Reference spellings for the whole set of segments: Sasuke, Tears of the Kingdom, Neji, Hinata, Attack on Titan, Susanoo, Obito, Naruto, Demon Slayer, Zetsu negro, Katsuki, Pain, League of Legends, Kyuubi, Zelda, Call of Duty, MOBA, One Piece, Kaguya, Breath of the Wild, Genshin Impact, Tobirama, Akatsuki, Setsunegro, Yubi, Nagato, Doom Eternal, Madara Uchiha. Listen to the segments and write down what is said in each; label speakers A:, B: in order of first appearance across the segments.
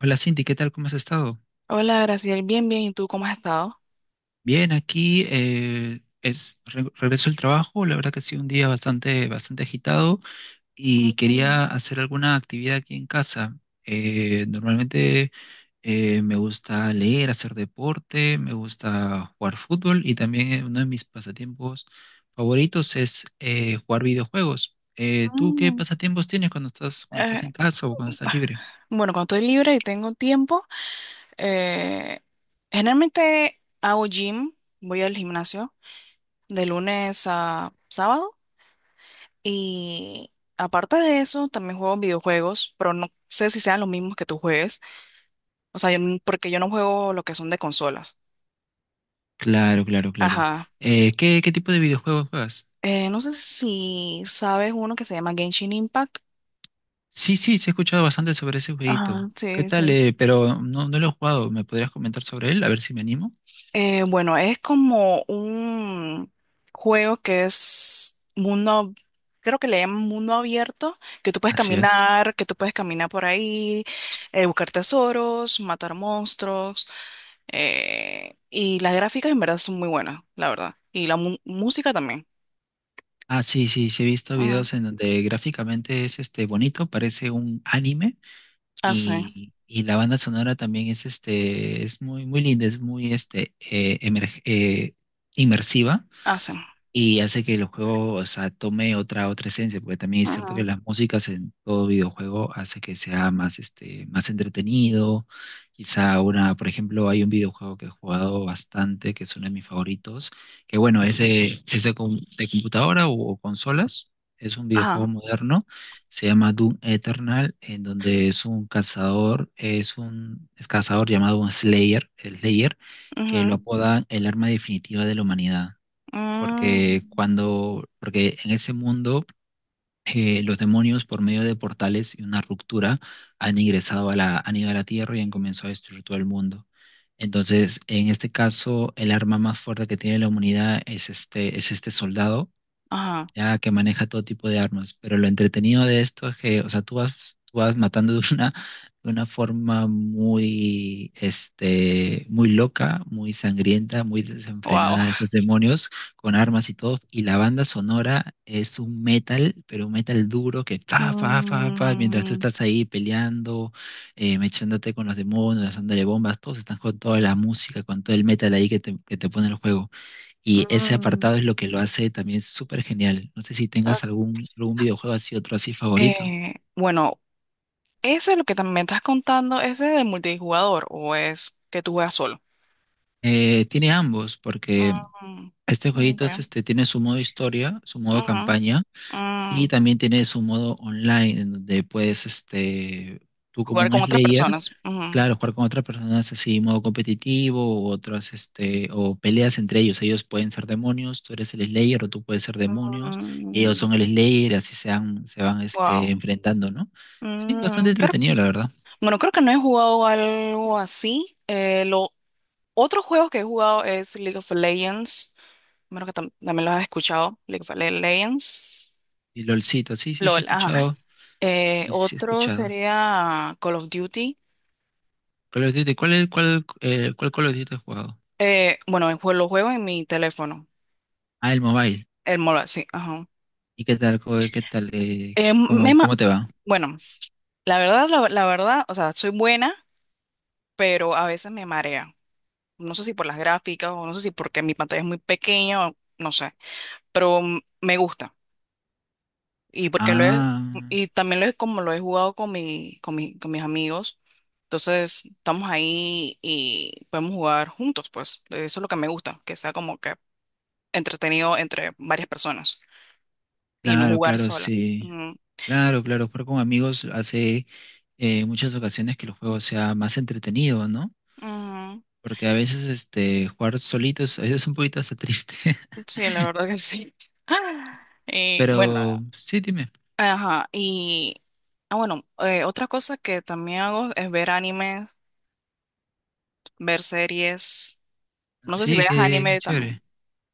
A: Hola Cindy, ¿qué tal? ¿Cómo has estado?
B: Hola, Graciela. Bien, bien. ¿Y tú cómo has estado?
A: Bien, aquí regreso al trabajo. La verdad que ha sido un día bastante agitado y
B: Mm,
A: quería hacer alguna actividad aquí en casa. Normalmente me gusta leer, hacer deporte, me gusta jugar fútbol y también uno de mis pasatiempos favoritos es jugar videojuegos. ¿Tú qué
B: mm.
A: pasatiempos tienes cuando
B: Eh,
A: estás en casa o cuando estás libre?
B: bueno, cuando estoy libre y tengo tiempo, eh, generalmente hago gym, voy al gimnasio de lunes a sábado y aparte de eso también juego videojuegos, pero no sé si sean los mismos que tú juegues, o sea, porque yo no juego lo que son de consolas.
A: Claro, claro, claro.
B: Ajá.
A: Qué tipo de videojuegos juegas?
B: No sé si sabes uno que se llama Genshin Impact.
A: Sí, sí, sí he escuchado bastante sobre ese jueguito.
B: Ajá,
A: ¿Qué
B: sí,
A: tal,
B: sí.
A: eh? Pero no lo he jugado. ¿Me podrías comentar sobre él? A ver si me animo.
B: Bueno, es como un juego que es mundo, creo que le llaman mundo abierto,
A: Así es.
B: que tú puedes caminar por ahí, buscar tesoros, matar monstruos, y las gráficas en verdad son muy buenas, la verdad, y la música también.
A: Ah, sí, sí, sí he visto
B: Ujú.
A: videos en donde gráficamente es este bonito, parece un anime
B: Hace,
A: y la banda sonora también es este es muy linda, es muy este inmersiva
B: hace.
A: y hace que el juego, o sea, tome otra esencia, porque también es cierto que
B: Ujú.
A: las músicas en todo videojuego hace que sea más, este, más entretenido. Quizá una, por ejemplo, hay un videojuego que he jugado bastante, que es uno de mis favoritos, que bueno, de computadora o consolas. Es un videojuego
B: Ajá.
A: moderno, se llama Doom Eternal, en donde es un cazador, es cazador llamado un Slayer, el Slayer, que lo
B: Ujú.
A: apodan el arma definitiva de la humanidad porque
B: Mm.
A: porque en ese mundo los demonios por medio de portales y una ruptura han ingresado a la, han ido a la Tierra y han comenzado a destruir todo el mundo. Entonces, en este caso, el arma más fuerte que tiene la humanidad es este soldado
B: Ajá.
A: ya que maneja todo tipo de armas. Pero lo entretenido de esto es que, o sea, tú vas matando de una forma muy, este, muy loca, muy sangrienta, muy
B: Wow.
A: desenfrenada a estos demonios con armas y todo. Y la banda sonora es un metal, pero un metal duro que mientras tú
B: Mm,
A: estás ahí peleando, mechándote con los demonios, dándole bombas, todos están con toda la música, con todo el metal ahí que te pone el juego. Y ese
B: mm,
A: apartado es lo que lo hace también súper genial. No sé si
B: ok.
A: tengas algún videojuego así, otro así favorito.
B: Bueno, ese lo que tam- me estás contando, ese es de multijugador o es que tú juegas solo.
A: Tiene ambos, porque
B: Mm,
A: este
B: ok.
A: jueguito este, tiene su modo historia, su modo
B: Ujú.
A: campaña, y
B: Mm,
A: también tiene su modo online, en donde puedes, este, tú como
B: jugar
A: un
B: con otras
A: Slayer.
B: personas. Ujú.
A: Claro, jugar con otras personas así, modo competitivo, u otras, este, o peleas entre ellos. Ellos pueden ser demonios, tú eres el Slayer o tú puedes ser demonios, y ellos
B: Mm,
A: son el Slayer, así se van, este,
B: wow.
A: enfrentando, ¿no? Sí, bastante
B: Mm, creo-
A: entretenido, la verdad.
B: bueno, creo que no he jugado algo así. Lo otro juego que he jugado es League of Legends. Bueno, que también lo has escuchado. Legends.
A: Y LOLcito, sí, sí, sí he
B: LOL, ajá.
A: escuchado, sí, sí he
B: Otro
A: escuchado.
B: sería Call of Duty.
A: Call of Duty, cuál, cuál Call of Duty has jugado?
B: Bueno, lo juego en mi teléfono,
A: Ah, el mobile.
B: el MOBA, sí, ajá.
A: ¿Y qué tal, qué tal,
B: Eh, me ma-
A: cómo te va?
B: bueno, la verdad, la verdad, o sea, soy buena, pero a veces me marea. No sé si por las gráficas o no sé si porque mi pantalla es muy pequeña, o no sé, pero me gusta. Y porque lo he-
A: Ah,
B: y también lo he, como lo he jugado con mis amigos. Entonces, estamos ahí y podemos jugar juntos, pues. Eso es lo que me gusta, que sea como que entretenido entre varias personas y no
A: claro,
B: jugar
A: claro,
B: sola.
A: sí.
B: Ujú.
A: Claro, claro, jugar con amigos hace muchas ocasiones que el juego sea más entretenido, ¿no?
B: Ujú.
A: Porque a veces este, jugar solito es un poquito hasta triste.
B: Sí, la verdad que sí. Y bueno,
A: Pero sí, dime.
B: ajá. Y bueno, otra cosa que también hago es ver animes, ver series. No sé si
A: Sí,
B: veas
A: qué, qué
B: anime también.
A: chévere.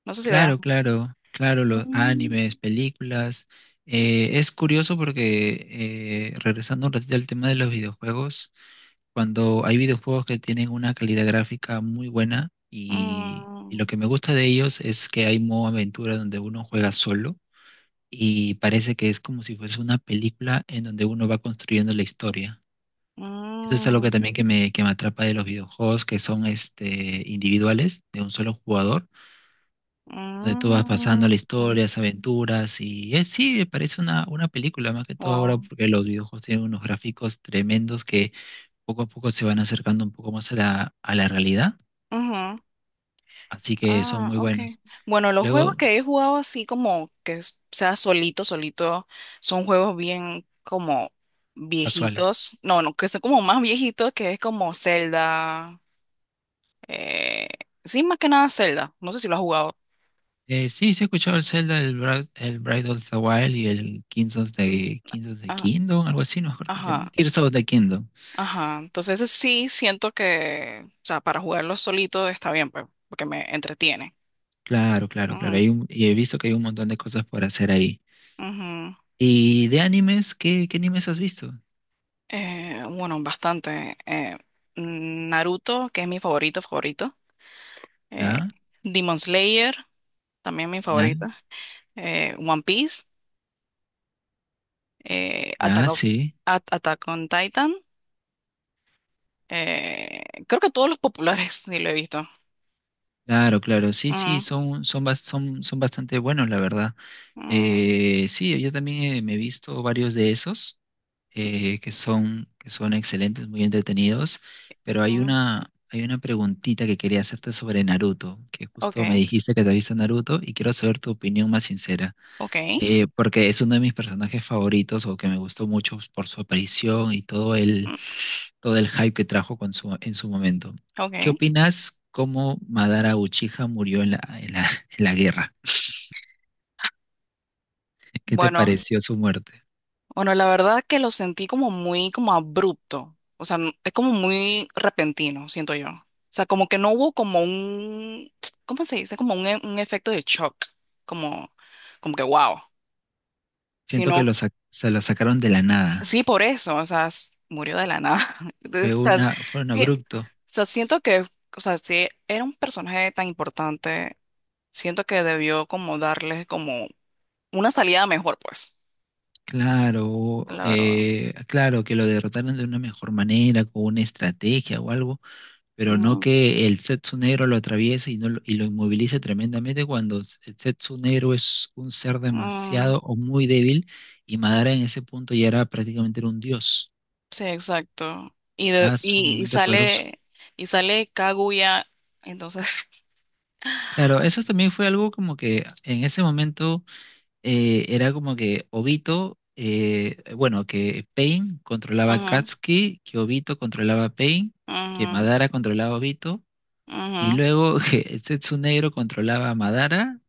B: No sé si veas.
A: Claro, claro, claro, los
B: Mm,
A: animes, películas. Es curioso porque, regresando un ratito al tema de los videojuegos, cuando hay videojuegos que tienen una calidad gráfica muy buena y lo
B: mm,
A: que me gusta de ellos es que hay modo aventura donde uno juega solo y parece que es como si fuese una película en donde uno va construyendo la historia. Eso es algo que
B: mm,
A: también que me atrapa de los videojuegos, que son este, individuales, de un solo jugador, donde tú vas
B: mm,
A: pasando la historia, las aventuras, y es, sí, parece una película más que todo ahora,
B: wow.
A: porque los videojuegos tienen unos gráficos tremendos que poco a poco se van acercando un poco más a la realidad, así que son
B: Ah,
A: muy
B: ok.
A: buenos.
B: Bueno, los juegos
A: Luego,
B: que he jugado así como que sea solito, solito, son juegos bien como
A: casuales.
B: viejitos. No, no, que son como más viejitos, que es como Zelda. Eh, sí, más que nada Zelda. No sé si lo has jugado.
A: Sí, sí he escuchado el Zelda, el Breath of the Wild y el Kings of the
B: Ah,
A: Kingdom, algo así, no me acuerdo cómo se llama.
B: ajá,
A: Tears of the Kingdom.
B: ajá. Entonces ese sí siento que, o sea, para jugarlo solito está bien, pues, porque me entretiene.
A: Claro, claro, claro.
B: Ujú,
A: Y he visto que hay un montón de cosas por hacer ahí.
B: ujú.
A: ¿Y de animes? ¿Qué, qué animes has visto?
B: Bueno, bastante. Naruto, que es mi favorito, favorito. eh,
A: Ya,
B: Demon Slayer, también mi
A: ya,
B: favorita, One Piece, eh, Attack
A: ya,
B: of-
A: sí.
B: Attack on Titan, creo que todos los populares sí lo he visto.
A: Claro, claro, sí, sí,
B: Ujú,
A: son, son bastante buenos, la verdad. Sí, yo también me he visto varios de esos. Que que son excelentes, muy entretenidos, pero
B: ujú,
A: hay una preguntita que quería hacerte sobre Naruto, que
B: ok,
A: justo me dijiste que te viste Naruto y quiero saber tu opinión más sincera,
B: ok,
A: porque es uno de mis personajes favoritos o que me gustó mucho por su aparición y todo
B: mm,
A: todo el hype que trajo con su, en su momento. ¿Qué
B: ok.
A: opinas cómo Madara Uchiha murió en en la, en la guerra? ¿Qué te
B: Bueno,
A: pareció su muerte?
B: bueno, la verdad que lo sentí como muy como abrupto, o sea, es como muy repentino, siento yo. O sea, como que no hubo como un, ¿cómo se dice? Como un, un efecto de shock, como, como que wow,
A: Siento que
B: sino
A: se lo sacaron de la nada.
B: sí, por eso, o sea, murió de la nada. Entonces, o
A: Fue
B: sea,
A: una, fue un
B: sí, o
A: abrupto.
B: sea, siento que, o sea, si era un personaje tan importante, siento que debió como darle como una salida mejor, pues,
A: Claro,
B: la verdad.
A: claro, que lo derrotaron de una mejor manera, con una estrategia o algo, pero no
B: Mm,
A: que el Zetsu negro lo atraviese no lo, y lo inmovilice tremendamente cuando el Zetsu negro es un ser
B: mm,
A: demasiado o muy débil y Madara en ese punto ya era prácticamente era un dios,
B: sí, exacto.
A: era sumamente poderoso.
B: Y sale Kaguya, entonces,
A: Claro, eso también fue algo como que en ese momento era como que Obito, bueno, que Pain controlaba a
B: ujú,
A: Katsuki, que Obito controlaba a Pain, que
B: ujú,
A: Madara controlaba a Obito, y luego que Setsunegro controlaba a Madara,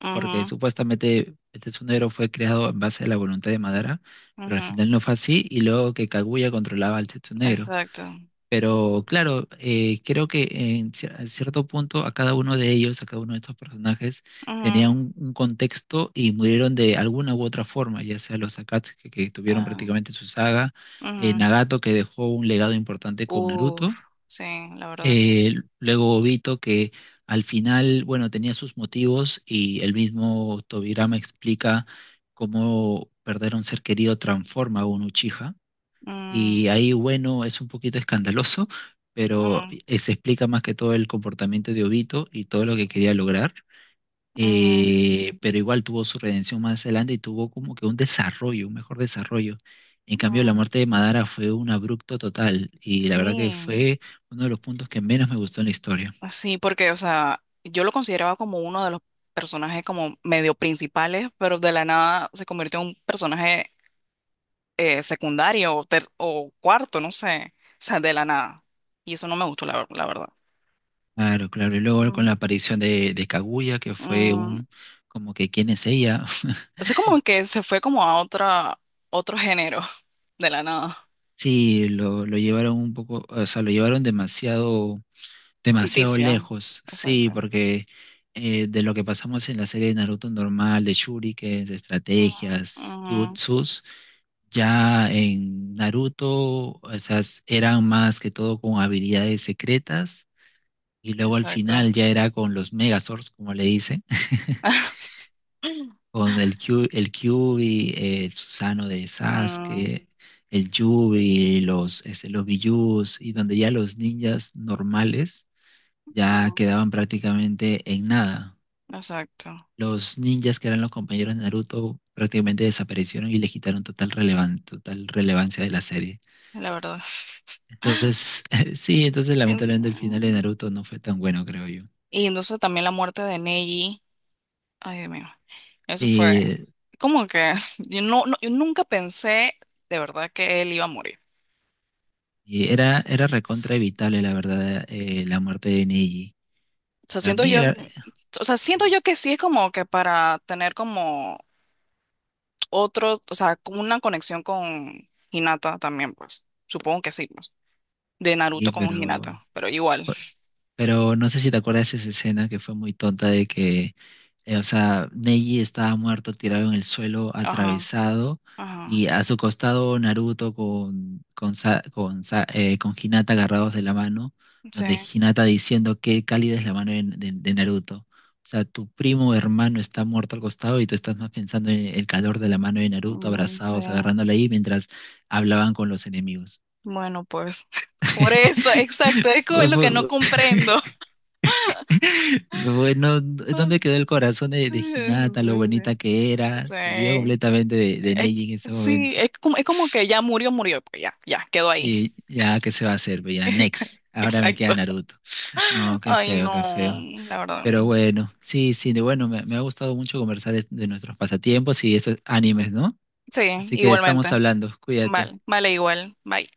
B: ujú,
A: porque
B: ujú,
A: supuestamente Setsunegro fue creado en base a la voluntad de Madara, pero al
B: ujú,
A: final no fue así, y luego que Kaguya controlaba al Setsunegro.
B: exacto.
A: Pero claro, creo que a cierto punto a cada uno de ellos, a cada uno de estos personajes, tenía
B: Ujú,
A: un contexto y murieron de alguna u otra forma, ya sea los Akatsuki que tuvieron
B: ah,
A: prácticamente su saga,
B: ujú.
A: Nagato que dejó un legado importante con
B: Uf,
A: Naruto,
B: sí, la verdad es sí.
A: eh, luego Obito que al final, bueno, tenía sus motivos y el mismo Tobirama explica cómo perder a un ser querido transforma a un Uchiha. Y
B: Mm,
A: ahí, bueno, es un poquito escandaloso, pero
B: mm,
A: se explica más que todo el comportamiento de Obito y todo lo que quería lograr.
B: mm,
A: Pero igual tuvo su redención más adelante y tuvo como que un desarrollo, un mejor desarrollo. En cambio, la
B: mm.
A: muerte de Madara fue un abrupto total y la verdad que
B: Sí,
A: fue uno de los puntos que menos me gustó en la historia.
B: sí, porque, o sea, yo lo consideraba como uno de los personajes como medio principales, pero de la nada se convirtió en un personaje secundario o cuarto, no sé, o sea, de la nada. Y eso no me gustó, la verdad.
A: Claro, claro. Y luego con
B: Mm,
A: la aparición de Kaguya, que fue
B: mm.
A: un, como que, ¿quién es ella?
B: Es como que se fue como a otra, otro género, de la nada,
A: Sí, lo llevaron un poco, o sea, lo llevaron demasiado, demasiado
B: ficticio.
A: lejos, sí,
B: Exacto.
A: porque de lo que pasamos en la serie de Naruto normal, de shurikens, de
B: Mm,
A: estrategias,
B: ujú,
A: jutsus, ya en Naruto, o sea, eran más que todo con habilidades secretas y luego al
B: exacto.
A: final ya era con los Megazords, como le dicen, con el Kyuubi, el Susanoo de
B: Mm,
A: Sasuke, el Yubi, los, este, los Bijuus y donde ya los ninjas normales ya
B: mm,
A: quedaban prácticamente en nada.
B: exacto,
A: Los ninjas que eran los compañeros de Naruto prácticamente desaparecieron y le quitaron total relevancia de la serie.
B: la verdad.
A: Entonces, sí, entonces lamentablemente el final de
B: Mm,
A: Naruto no fue tan bueno, creo yo.
B: y entonces también la muerte de Neji. Ay, Dios mío. Eso fue
A: Y,
B: como que yo, yo nunca pensé de verdad que él iba a morir.
A: era recontra evitable, la verdad, la muerte de Neji.
B: O sea,
A: Para
B: siento
A: mí
B: yo,
A: era...
B: o sea, siento yo que sí es como que para tener como otro, o sea, como una conexión con Hinata también, pues. Supongo que sí, pues. De
A: Sí,
B: Naruto con Hinata,
A: pero...
B: pero igual.
A: fue, pero no sé si te acuerdas de esa escena que fue muy tonta de o sea, Neji estaba muerto, tirado en el suelo,
B: Ajá,
A: atravesado,
B: ajá.
A: y a su costado Naruto con Hinata agarrados de la mano, donde
B: Sí.
A: Hinata diciendo qué cálida es la mano de Naruto. O sea, tu primo hermano está muerto al costado y tú estás más pensando en el calor de la mano de Naruto,
B: Mm, sí.
A: abrazados, agarrándola ahí mientras hablaban con los enemigos.
B: Bueno, pues por eso, exacto, es como lo que no
A: Fue,
B: comprendo.
A: bueno, ¿dónde quedó el corazón
B: Sí,
A: de Hinata, lo
B: sí,
A: bonita
B: sí.
A: que era? Se olvidó completamente de
B: Es,
A: Neji en ese
B: sí,
A: momento.
B: es como que ya murió, murió, pues ya, ya, quedó ahí.
A: Y ya, ¿qué se va a hacer? Pues ya, next. Ahora me
B: Exacto.
A: queda Naruto. No, qué
B: Ay,
A: feo,
B: no,
A: qué feo.
B: la verdad.
A: Pero bueno, sí, sí, de bueno, me ha gustado mucho conversar de nuestros pasatiempos y estos animes, ¿no?
B: Sí,
A: Así que estamos
B: igualmente.
A: hablando, cuídate.
B: Vale, vale, igual. Bye.